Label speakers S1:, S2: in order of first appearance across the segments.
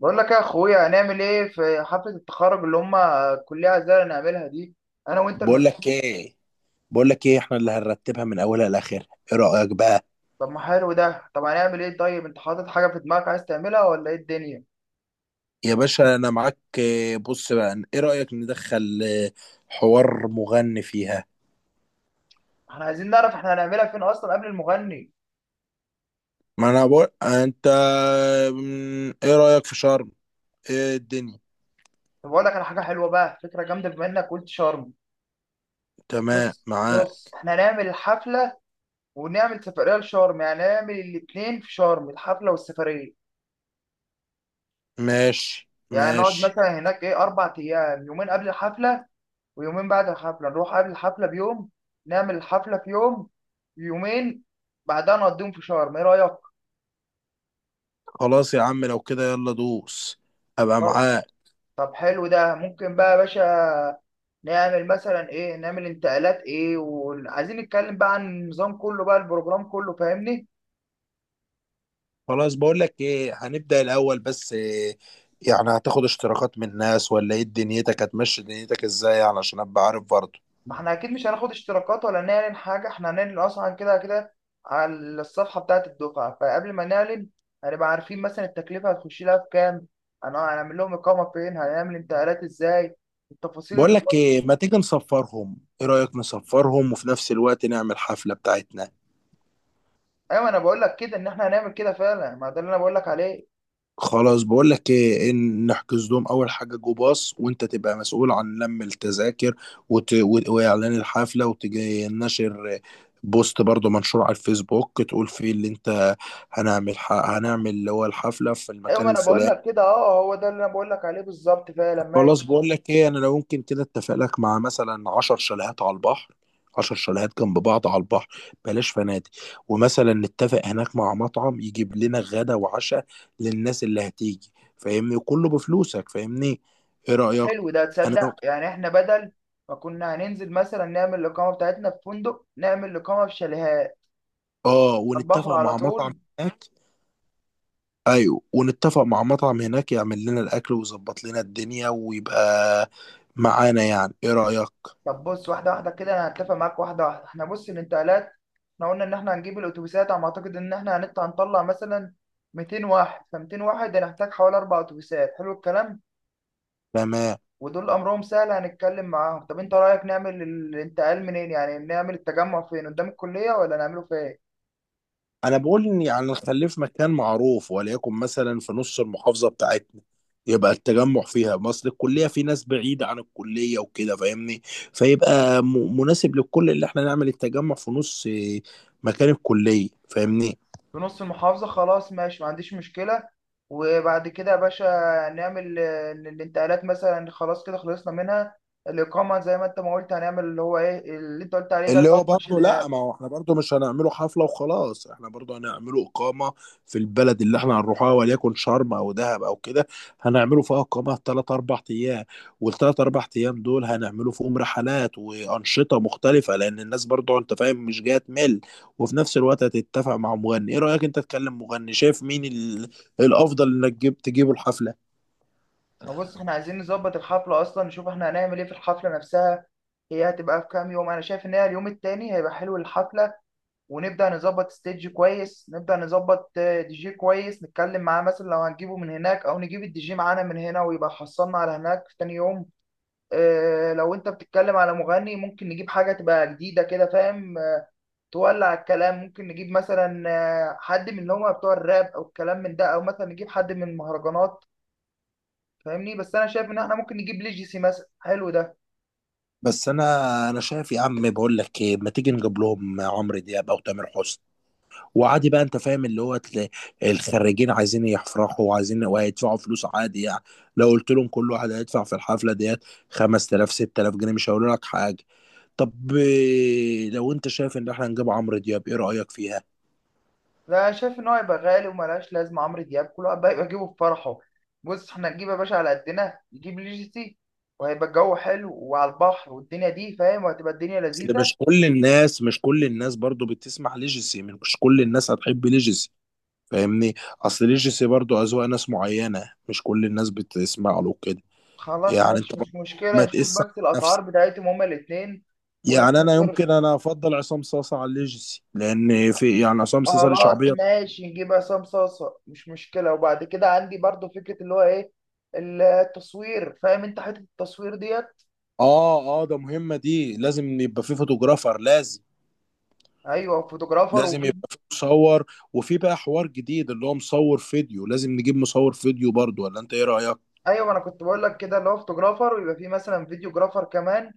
S1: بقول لك يا اخويا هنعمل ايه في حفله التخرج اللي هم الكليه عايزانا نعملها دي. انا وانت
S2: بقول
S1: المسؤول.
S2: لك ايه بقول لك ايه احنا اللي هنرتبها من اولها لاخرها. ايه رايك بقى؟
S1: طب ما حلو ده. طب هنعمل ايه؟ طيب انت حاطط حاجه في دماغك عايز تعملها ولا ايه الدنيا؟
S2: يا باشا انا معاك. بص بقى، ايه رايك ندخل، حوار مغني فيها؟
S1: احنا عايزين نعرف احنا هنعملها فين اصلا قبل المغني.
S2: ما انا بقول انت. ايه رايك في شرم؟ ايه الدنيا؟
S1: طب اقول لك على حاجه حلوه بقى، فكره جامده بما انك قلت شرم.
S2: تمام
S1: بص بص،
S2: معاك.
S1: احنا هنعمل الحفله ونعمل سفريه لشرم، يعني نعمل الاثنين في شرم، الحفله والسفريه.
S2: ماشي،
S1: يعني نقعد
S2: ماشي.
S1: مثلا هناك ايه اربع ايام، يومين قبل الحفله ويومين بعد الحفلة. نروح قبل الحفلة بيوم، نعمل الحفلة في يوم، يومين بعدها نقضيهم في شرم. ايه رأيك؟
S2: خلاص يا عم، لو كده يلا دوس. ابقى
S1: طيب.
S2: معاك.
S1: طب حلو ده. ممكن بقى يا باشا نعمل مثلا ايه، نعمل انتقالات ايه، وعايزين نتكلم بقى عن النظام كله بقى، البروجرام كله، فاهمني.
S2: خلاص، بقول لك ايه، هنبدأ الاول. بس إيه، يعني هتاخد اشتراكات من الناس ولا ايه دنيتك؟ هتمشي دنيتك ازاي يعني عشان ابقى عارف برضه؟
S1: ما احنا اكيد مش هناخد اشتراكات ولا نعلن حاجه، احنا هنعلن اصلا كده كده على الصفحه بتاعه الدفعه. فقبل ما نعلن هنبقى عارفين مثلا التكلفه هتخش لها في كام، هنعمل لهم اقامه فين، هنعمل انتقالات ازاي، التفاصيل.
S2: بقول لك ايه، ما تيجي نصفرهم؟ ايه رأيك نصفرهم وفي نفس الوقت نعمل حفلة بتاعتنا؟
S1: ايوه، ما انا بقول لك كده ان احنا هنعمل كده فعلا، ما ده اللي انا بقول لك عليه.
S2: خلاص، بقول لك ايه، إن نحجز لهم اول حاجة جو باص، وانت تبقى مسؤول عن لم التذاكر واعلان الحفلة، وتجي نشر بوست برضه منشور على الفيسبوك تقول فيه اللي انت هنعمل اللي هو الحفلة في
S1: ايوه،
S2: المكان
S1: ما انا بقول
S2: الفلاني.
S1: لك كده، اه، هو ده اللي انا بقول لك عليه بالظبط فعلا.
S2: خلاص،
S1: ماشي.
S2: بقول لك ايه، انا لو ممكن كده اتفق لك مع مثلا 10 شاليهات على البحر. 10 شاليهات جنب بعض على البحر، بلاش فنادق. ومثلا نتفق هناك مع مطعم يجيب لنا غدا وعشاء للناس اللي هتيجي، فاهمني؟ كله بفلوسك فاهمني. ايه رأيك؟
S1: حلو ده،
S2: انا
S1: تصدق يعني احنا بدل ما كنا هننزل مثلا نعمل الاقامه بتاعتنا في فندق، نعمل الاقامه في شاليهات
S2: اه
S1: على البحر
S2: ونتفق
S1: على
S2: مع مطعم
S1: طول.
S2: هناك. ايوه، ونتفق مع مطعم هناك يعمل لنا الاكل ويظبط لنا الدنيا ويبقى معانا. يعني ايه رأيك؟
S1: طب بص، واحده واحده كده، انا هتفق معاك واحده واحده. احنا بص، الانتقالات، احنا قلنا ان احنا هنجيب الاتوبيسات. على ما اعتقد ان احنا هنطلع مثلا 200 واحد، ف 200 واحد هنحتاج حوالي اربع اتوبيسات. حلو الكلام.
S2: تمام.
S1: ودول امرهم سهل هنتكلم معاهم. طب انت رايك نعمل الانتقال منين؟ يعني نعمل التجمع فين، قدام الكليه ولا نعمله فين؟
S2: انا بقول ان يعني نخليه في مكان معروف، وليكن مثلا في نص المحافظه بتاعتنا. يبقى التجمع فيها مصر الكليه، في ناس بعيده عن الكليه وكده فاهمني. فيبقى مناسب للكل اللي احنا نعمل التجمع في نص مكان الكليه، فاهمني.
S1: في نص المحافظه، خلاص ماشي، ما عنديش مشكله. وبعد كده يا باشا نعمل الانتقالات، مثلا خلاص كده خلصنا منها. الاقامه زي ما انت ما قلت، هنعمل اللي هو ايه اللي انت قلت عليه، ده اللي
S2: اللي هو برضه، لا،
S1: شيلها.
S2: ما هو احنا برضه مش هنعمله حفلة وخلاص، احنا برضه هنعمله إقامة في البلد اللي احنا هنروحها، وليكن شرم أو دهب أو كده. هنعمله فيها إقامة تلات أربع أيام، والتلات أربع أيام دول هنعمله فيهم رحلات وأنشطة مختلفة، لأن الناس برضه أنت فاهم مش جاية تمل. وفي نفس الوقت هتتفق مع مغني. إيه رأيك أنت تكلم مغني؟ شايف مين الأفضل إنك تجيبه الحفلة.
S1: ما بص، احنا عايزين نظبط الحفله اصلا، نشوف احنا هنعمل ايه في الحفله نفسها. هي هتبقى في كام يوم؟ انا شايف ان هي اليوم التاني هيبقى حلو الحفله، ونبدأ نظبط ستيج كويس، نبدأ نظبط دي جي كويس، نتكلم معاه مثلا لو هنجيبه من هناك أو نجيب الدي جي معانا من هنا ويبقى حصلنا على هناك في تاني يوم. لو أنت بتتكلم على مغني، ممكن نجيب حاجة تبقى جديدة كده، فاهم؟ تولع الكلام. ممكن نجيب مثلا حد من اللي هم بتوع الراب أو الكلام من ده، أو مثلا نجيب حد من المهرجانات، فاهمني؟ بس أنا شايف إن إحنا ممكن نجيب ليجيسي مثلا. حلو ده.
S2: بس أنا شايف يا عم، بقول لك إيه، ما تيجي نجيب لهم عمرو دياب أو تامر حسني؟ وعادي بقى، انت فاهم اللي هو الخريجين عايزين يفرحوا وعايزين وهيدفعوا فلوس عادي يعني. لو قلت لهم كل واحد هيدفع في الحفله ديت 5000 6000 جنيه مش هيقولوا لك حاجه. طب، لو انت شايف ان احنا نجيب عمرو دياب، ايه رايك فيها؟
S1: لا، شايف ان هو يبقى غالي وملهاش لازمه عمرو دياب، كله بقى يبقى جيبه في فرحه. بص، احنا نجيب يا باشا على قدنا، نجيب لي جي سي وهيبقى الجو حلو وعلى البحر، والدنيا دي فاهم، وهتبقى الدنيا
S2: اصل
S1: لذيذه.
S2: مش كل الناس برضو بتسمع ليجيسي، مش كل الناس هتحب ليجيسي فاهمني. اصل ليجيسي برضو اذواق ناس معينه، مش كل الناس بتسمع له كده.
S1: خلاص
S2: يعني انت
S1: ماشي،
S2: برضو
S1: مش مشكله.
S2: ما
S1: نشوف
S2: تقيس على
S1: بس الاسعار
S2: نفسك.
S1: بتاعتهم هما الاثنين
S2: يعني انا
S1: ونفكر.
S2: يمكن انا افضل عصام صاصا على الليجسي، لان في يعني عصام صاصا ليه
S1: خلاص
S2: شعبيه.
S1: ماشي، نجيب عصام صاصه مش مشكله. وبعد كده عندي برضو فكره، اللي هو ايه، التصوير. فاهم انت حته التصوير ديت؟
S2: اه، اه، ده مهمه دي، لازم يبقى في فوتوغرافر لازم.
S1: ايوه، فوتوغرافر،
S2: لازم
S1: وفي.
S2: يبقى في مصور، وفي بقى حوار جديد اللي هو مصور فيديو. لازم نجيب مصور فيديو برضو، ولا انت ايه رايك؟
S1: ايوه، ما انا كنت بقول لك كده، اللي هو فوتوغرافر، ويبقى فيه مثلا فيديوغرافر كمان.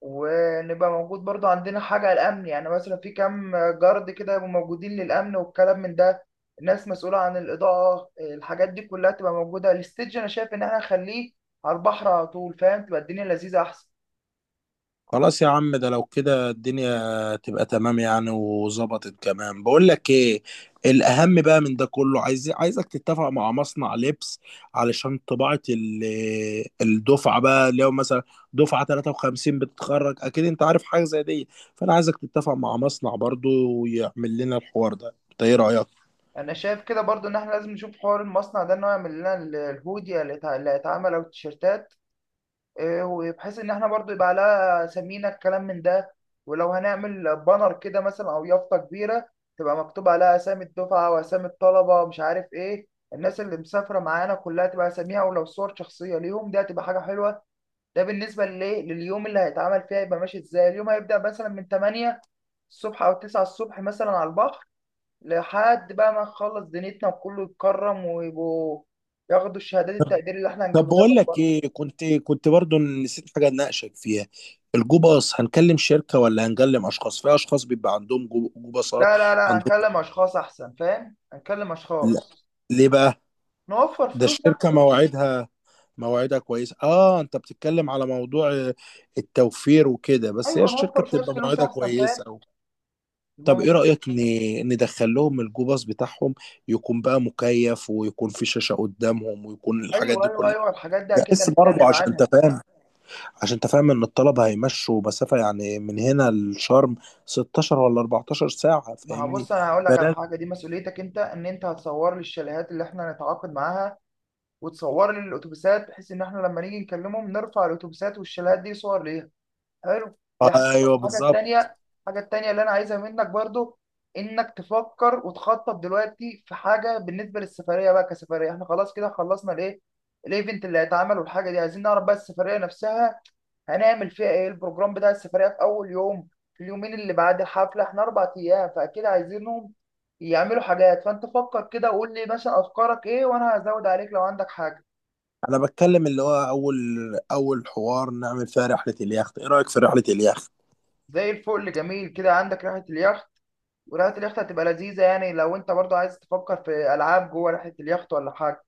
S1: ونبقى موجود برضو عندنا حاجة الأمن، يعني مثلا في كام جارد كده يبقوا موجودين للأمن والكلام من ده. ناس مسؤولة عن الإضاءة، الحاجات دي كلها تبقى موجودة. الستيج أنا شايف إن إحنا نخليه على البحر على طول، فاهم؟ تبقى الدنيا لذيذة أحسن.
S2: خلاص يا عم، ده لو كده الدنيا تبقى تمام يعني وظبطت كمان. بقول لك ايه، الاهم بقى من ده كله، عايزك تتفق مع مصنع لبس علشان طباعة الدفعة بقى. لو مثلا دفعة 53 بتتخرج، اكيد انت عارف حاجة زي دي. فانا عايزك تتفق مع مصنع برضو ويعمل لنا الحوار ده، انت ايه رأيك؟
S1: أنا شايف كده برضو إن إحنا لازم نشوف حوار المصنع ده، إنه يعمل لنا الهودي اللي هيتعمل، أو التيشيرتات وبحيث ان احنا برضو يبقى لها سمينا، الكلام من ده. ولو هنعمل بانر كده مثلا، او يافطه كبيره تبقى مكتوب عليها اسامي الدفعه واسامي الطلبه، مش عارف ايه، الناس اللي مسافره معانا كلها تبقى اساميها، ولو صور شخصيه ليهم دي هتبقى حاجه حلوه. ده بالنسبه للايه، لليوم اللي هيتعمل فيها، يبقى ماشي ازاي. اليوم هيبدا مثلا من 8 الصبح او 9 الصبح مثلا على البحر لحد بقى ما نخلص دنيتنا، وكله يتكرم ويبقوا ياخدوا الشهادات التقدير اللي احنا
S2: طب
S1: هنجيبها
S2: بقول
S1: لهم
S2: لك
S1: برضه.
S2: ايه، كنت برضو نسيت حاجه اناقشك فيها. الجوباص، هنكلم شركه ولا هنكلم اشخاص؟ في اشخاص بيبقى عندهم جوباصات
S1: لا لا لا،
S2: عندهم.
S1: هنكلم اشخاص احسن، فاهم، هنكلم
S2: لا.
S1: اشخاص.
S2: ليه بقى؟
S1: نوفر
S2: ده
S1: فلوس
S2: الشركه
S1: احسن.
S2: مواعيدها كويسه. اه، انت بتتكلم على موضوع التوفير وكده، بس هي
S1: ايوه،
S2: الشركه
S1: نوفر شويه
S2: بتبقى
S1: فلوس
S2: مواعيدها
S1: احسن،
S2: كويسه
S1: فاهم،
S2: أو.
S1: يبقى
S2: طب ايه
S1: مف-
S2: رايك ندخل لهم الجوباص بتاعهم يكون بقى مكيف، ويكون في شاشه قدامهم، ويكون الحاجات
S1: ايوه
S2: دي
S1: ايوه
S2: كلها؟
S1: ايوه، الحاجات دي اكيد
S2: بس برضه
S1: هنتكلم
S2: عشان انت
S1: عنها.
S2: فاهم عشان انت فاهم ان الطلبة هيمشوا مسافة يعني من هنا لشرم 16 ولا 14 ساعة،
S1: ما
S2: فاهمني.
S1: هبص، انا هقول لك على
S2: بلاش.
S1: حاجه. دي مسؤوليتك انت، ان انت هتصور لي الشاليهات اللي احنا هنتعاقد معاها، وتصور لي الاتوبيسات، بحيث ان احنا لما نيجي نكلمهم نرفع الاتوبيسات والشاليهات دي صور ليها. حلو. دي حاجة.
S2: ايوه
S1: الحاجة
S2: بالظبط.
S1: التانية، الحاجة التانية اللي أنا عايزها منك برضو إنك تفكر وتخطط دلوقتي في حاجة بالنسبة للسفرية بقى كسفرية. إحنا خلاص كده خلصنا الإيه، الإيفنت اللي هيتعمل والحاجة دي. عايزين نعرف بقى السفرية نفسها هنعمل فيها إيه، البروجرام بتاع السفرية في أول يوم، في اليومين اللي بعد الحفلة. إحنا أربع أيام، فأكيد عايزينهم يعملوا حاجات. فأنت فكر كده وقول لي مثلا أفكارك إيه، وأنا هزود عليك لو عندك حاجة.
S2: انا بتكلم اللي هو اول حوار نعمل فيها رحلة اليخت. ايه رأيك في رحلة اليخت؟
S1: زي الفل، جميل كده، عندك رحلة اليخت. ورحلة اليخت هتبقى لذيذة، يعني لو انت برضو عايز تفكر في ألعاب جوه رحلة اليخت ولا حاجة.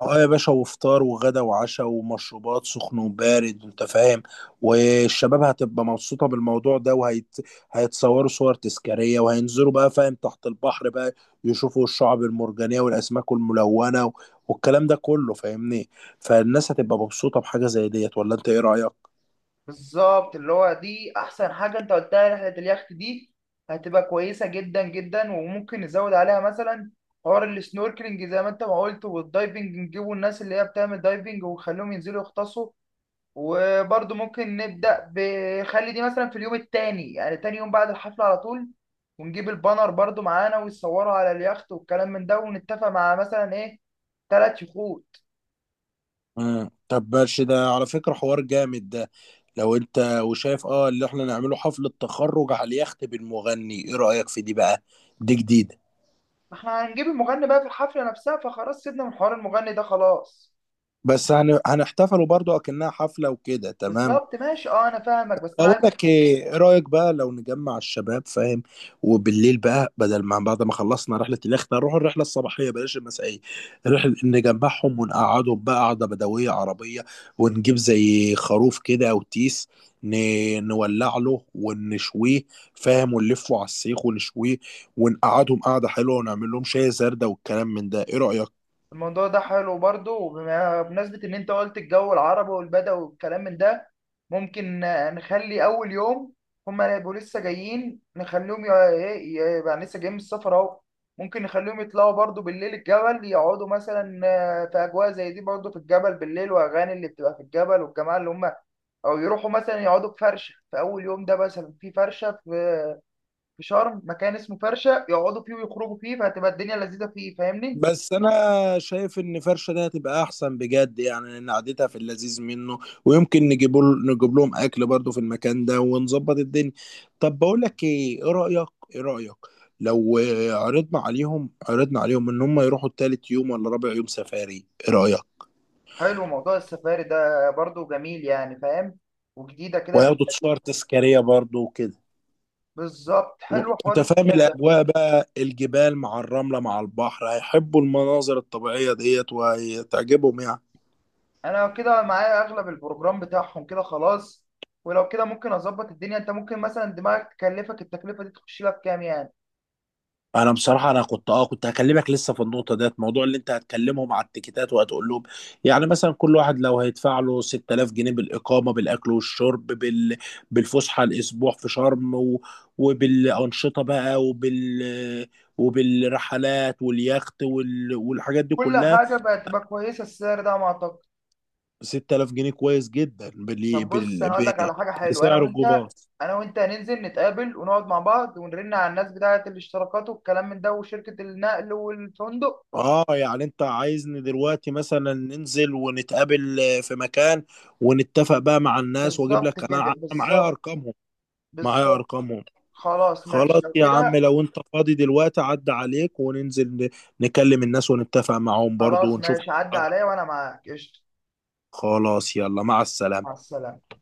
S2: اه يا باشا، وفطار وغدا وعشاء ومشروبات سخن وبارد، انت فاهم. والشباب هتبقى مبسوطة بالموضوع ده، هيتصوروا صور تذكارية، وهينزلوا بقى فاهم تحت البحر بقى، يشوفوا الشعب المرجانية والأسماك الملونة والكلام ده كله فاهمني. فالناس هتبقى مبسوطة بحاجة زي ديت، ولا انت ايه رأيك؟
S1: بالظبط، اللي هو دي أحسن حاجة انت قلتها، رحلة اليخت دي هتبقى كويسة جدا جدا. وممكن نزود عليها مثلا حوار السنوركلينج زي ما انت ما قلت، والدايفنج، نجيبوا الناس اللي هي بتعمل دايفنج ونخليهم ينزلوا يغطسوا. وبرضو ممكن نبدأ بخلي دي مثلا في اليوم التاني، يعني تاني يوم بعد الحفلة على طول. ونجيب البانر برضو معانا ويصوروا على اليخت والكلام من ده. ونتفق مع مثلا ايه ثلاث شهور.
S2: مم. طب ماشي، ده على فكرة حوار جامد ده. لو انت وشايف اللي احنا نعمله حفلة تخرج على اليخت بالمغني، ايه رأيك في دي بقى؟ دي جديدة.
S1: ما احنا هنجيب المغني بقى في الحفلة نفسها، فخلاص سيبنا من حوار المغني ده خلاص.
S2: بس هنحتفلوا برضو اكنها حفله وكده، تمام.
S1: بالظبط ماشي، اه انا فاهمك، بس انا
S2: اقول
S1: عايزك.
S2: لك ايه، إيه رايك بقى لو نجمع الشباب، فاهم؟ وبالليل بقى، بدل ما بعد ما خلصنا رحله اليخت نروح الرحله الصباحيه بلاش المسائيه، رحله، نجمعهم ونقعدهم بقى قعده بدويه عربيه، ونجيب زي خروف كده او تيس. ن... نولع له ونشويه، فاهم، ونلفه على السيخ ونشويه، ونقعدهم قعده حلوه، ونعمل لهم شاي زردة والكلام من ده. ايه رايك؟
S1: الموضوع ده حلو برضه. بمناسبة ان انت قلت الجو العربي والبدوي والكلام من ده، ممكن نخلي اول يوم، هما يبقوا لسه جايين، نخليهم ايه، يبقى لسه جايين من السفر اهو. ممكن نخليهم يطلعوا برضه بالليل الجبل، يقعدوا مثلا في اجواء زي دي برضه في الجبل بالليل، واغاني اللي بتبقى في الجبل، والجماعة اللي هم، او يروحوا مثلا يقعدوا في فرشه في اول يوم ده، مثلا في فرشه في في شرم، مكان اسمه فرشه، يقعدوا فيه ويخرجوا فيه فهتبقى الدنيا لذيذه فيه، فاهمني؟
S2: بس انا شايف ان فرشه دي هتبقى احسن بجد يعني، لان قعدتها في اللذيذ منه. ويمكن نجيب لهم اكل برضه في المكان ده ونظبط الدنيا. طب بقول لك ايه، ايه رايك لو عرضنا عليهم ان هم يروحوا تالت يوم ولا رابع يوم سفاري، ايه رايك؟
S1: حلو موضوع السفاري ده برضو، جميل يعني، فاهم، وجديده كده، هتبقى
S2: وياخدوا تذكار
S1: لذيذة.
S2: تذكاريه برضه وكده.
S1: بالظبط، حلو حوار
S2: انت فاهم
S1: السفاري ده.
S2: الاجواء بقى، الجبال مع الرمله مع البحر، هيحبوا المناظر الطبيعيه ديت وهتعجبهم يعني.
S1: انا كده معايا اغلب البروجرام بتاعهم كده، خلاص. ولو كده ممكن اظبط الدنيا. انت ممكن مثلا دماغك تكلفك التكلفه دي تخش لك كام يعني،
S2: انا بصراحه، انا كنت اه كنت هكلمك لسه في النقطه ديت، موضوع اللي انت هتكلمهم على التيكيتات وهتقول لهم، يعني مثلا كل واحد لو هيدفع له 6000 جنيه بالاقامه بالاكل والشرب بالفسحه، الاسبوع في شرم وبالانشطه بقى وبالرحلات واليخت والحاجات دي
S1: كل
S2: كلها.
S1: حاجه بقت تبقى كويسه، السعر ده على ما اعتقد.
S2: 6000 جنيه كويس جدا
S1: طب بص، انا اقول لك على حاجه حلوه، انا
S2: بسعر
S1: وانت،
S2: الجمعة.
S1: انا وانت هننزل نتقابل ونقعد مع بعض ونرن على الناس بتاعه الاشتراكات والكلام من ده، وشركه النقل والفندق.
S2: اه يعني انت عايزني دلوقتي مثلا ننزل ونتقابل في مكان، ونتفق بقى مع الناس، واجيب
S1: بالظبط
S2: لك،
S1: كده،
S2: أنا معايا
S1: بالظبط،
S2: ارقامهم معايا
S1: بالظبط.
S2: ارقامهم
S1: خلاص
S2: خلاص
S1: ماشي لو
S2: يا عم،
S1: كده.
S2: لو انت فاضي دلوقتي عدى عليك وننزل نكلم الناس ونتفق معاهم برضو
S1: خلاص
S2: ونشوف
S1: ماشي، عدى
S2: أسعارهم.
S1: عليا وانا معاك، قشطه.
S2: خلاص يلا، مع
S1: مع
S2: السلامة.
S1: السلامه.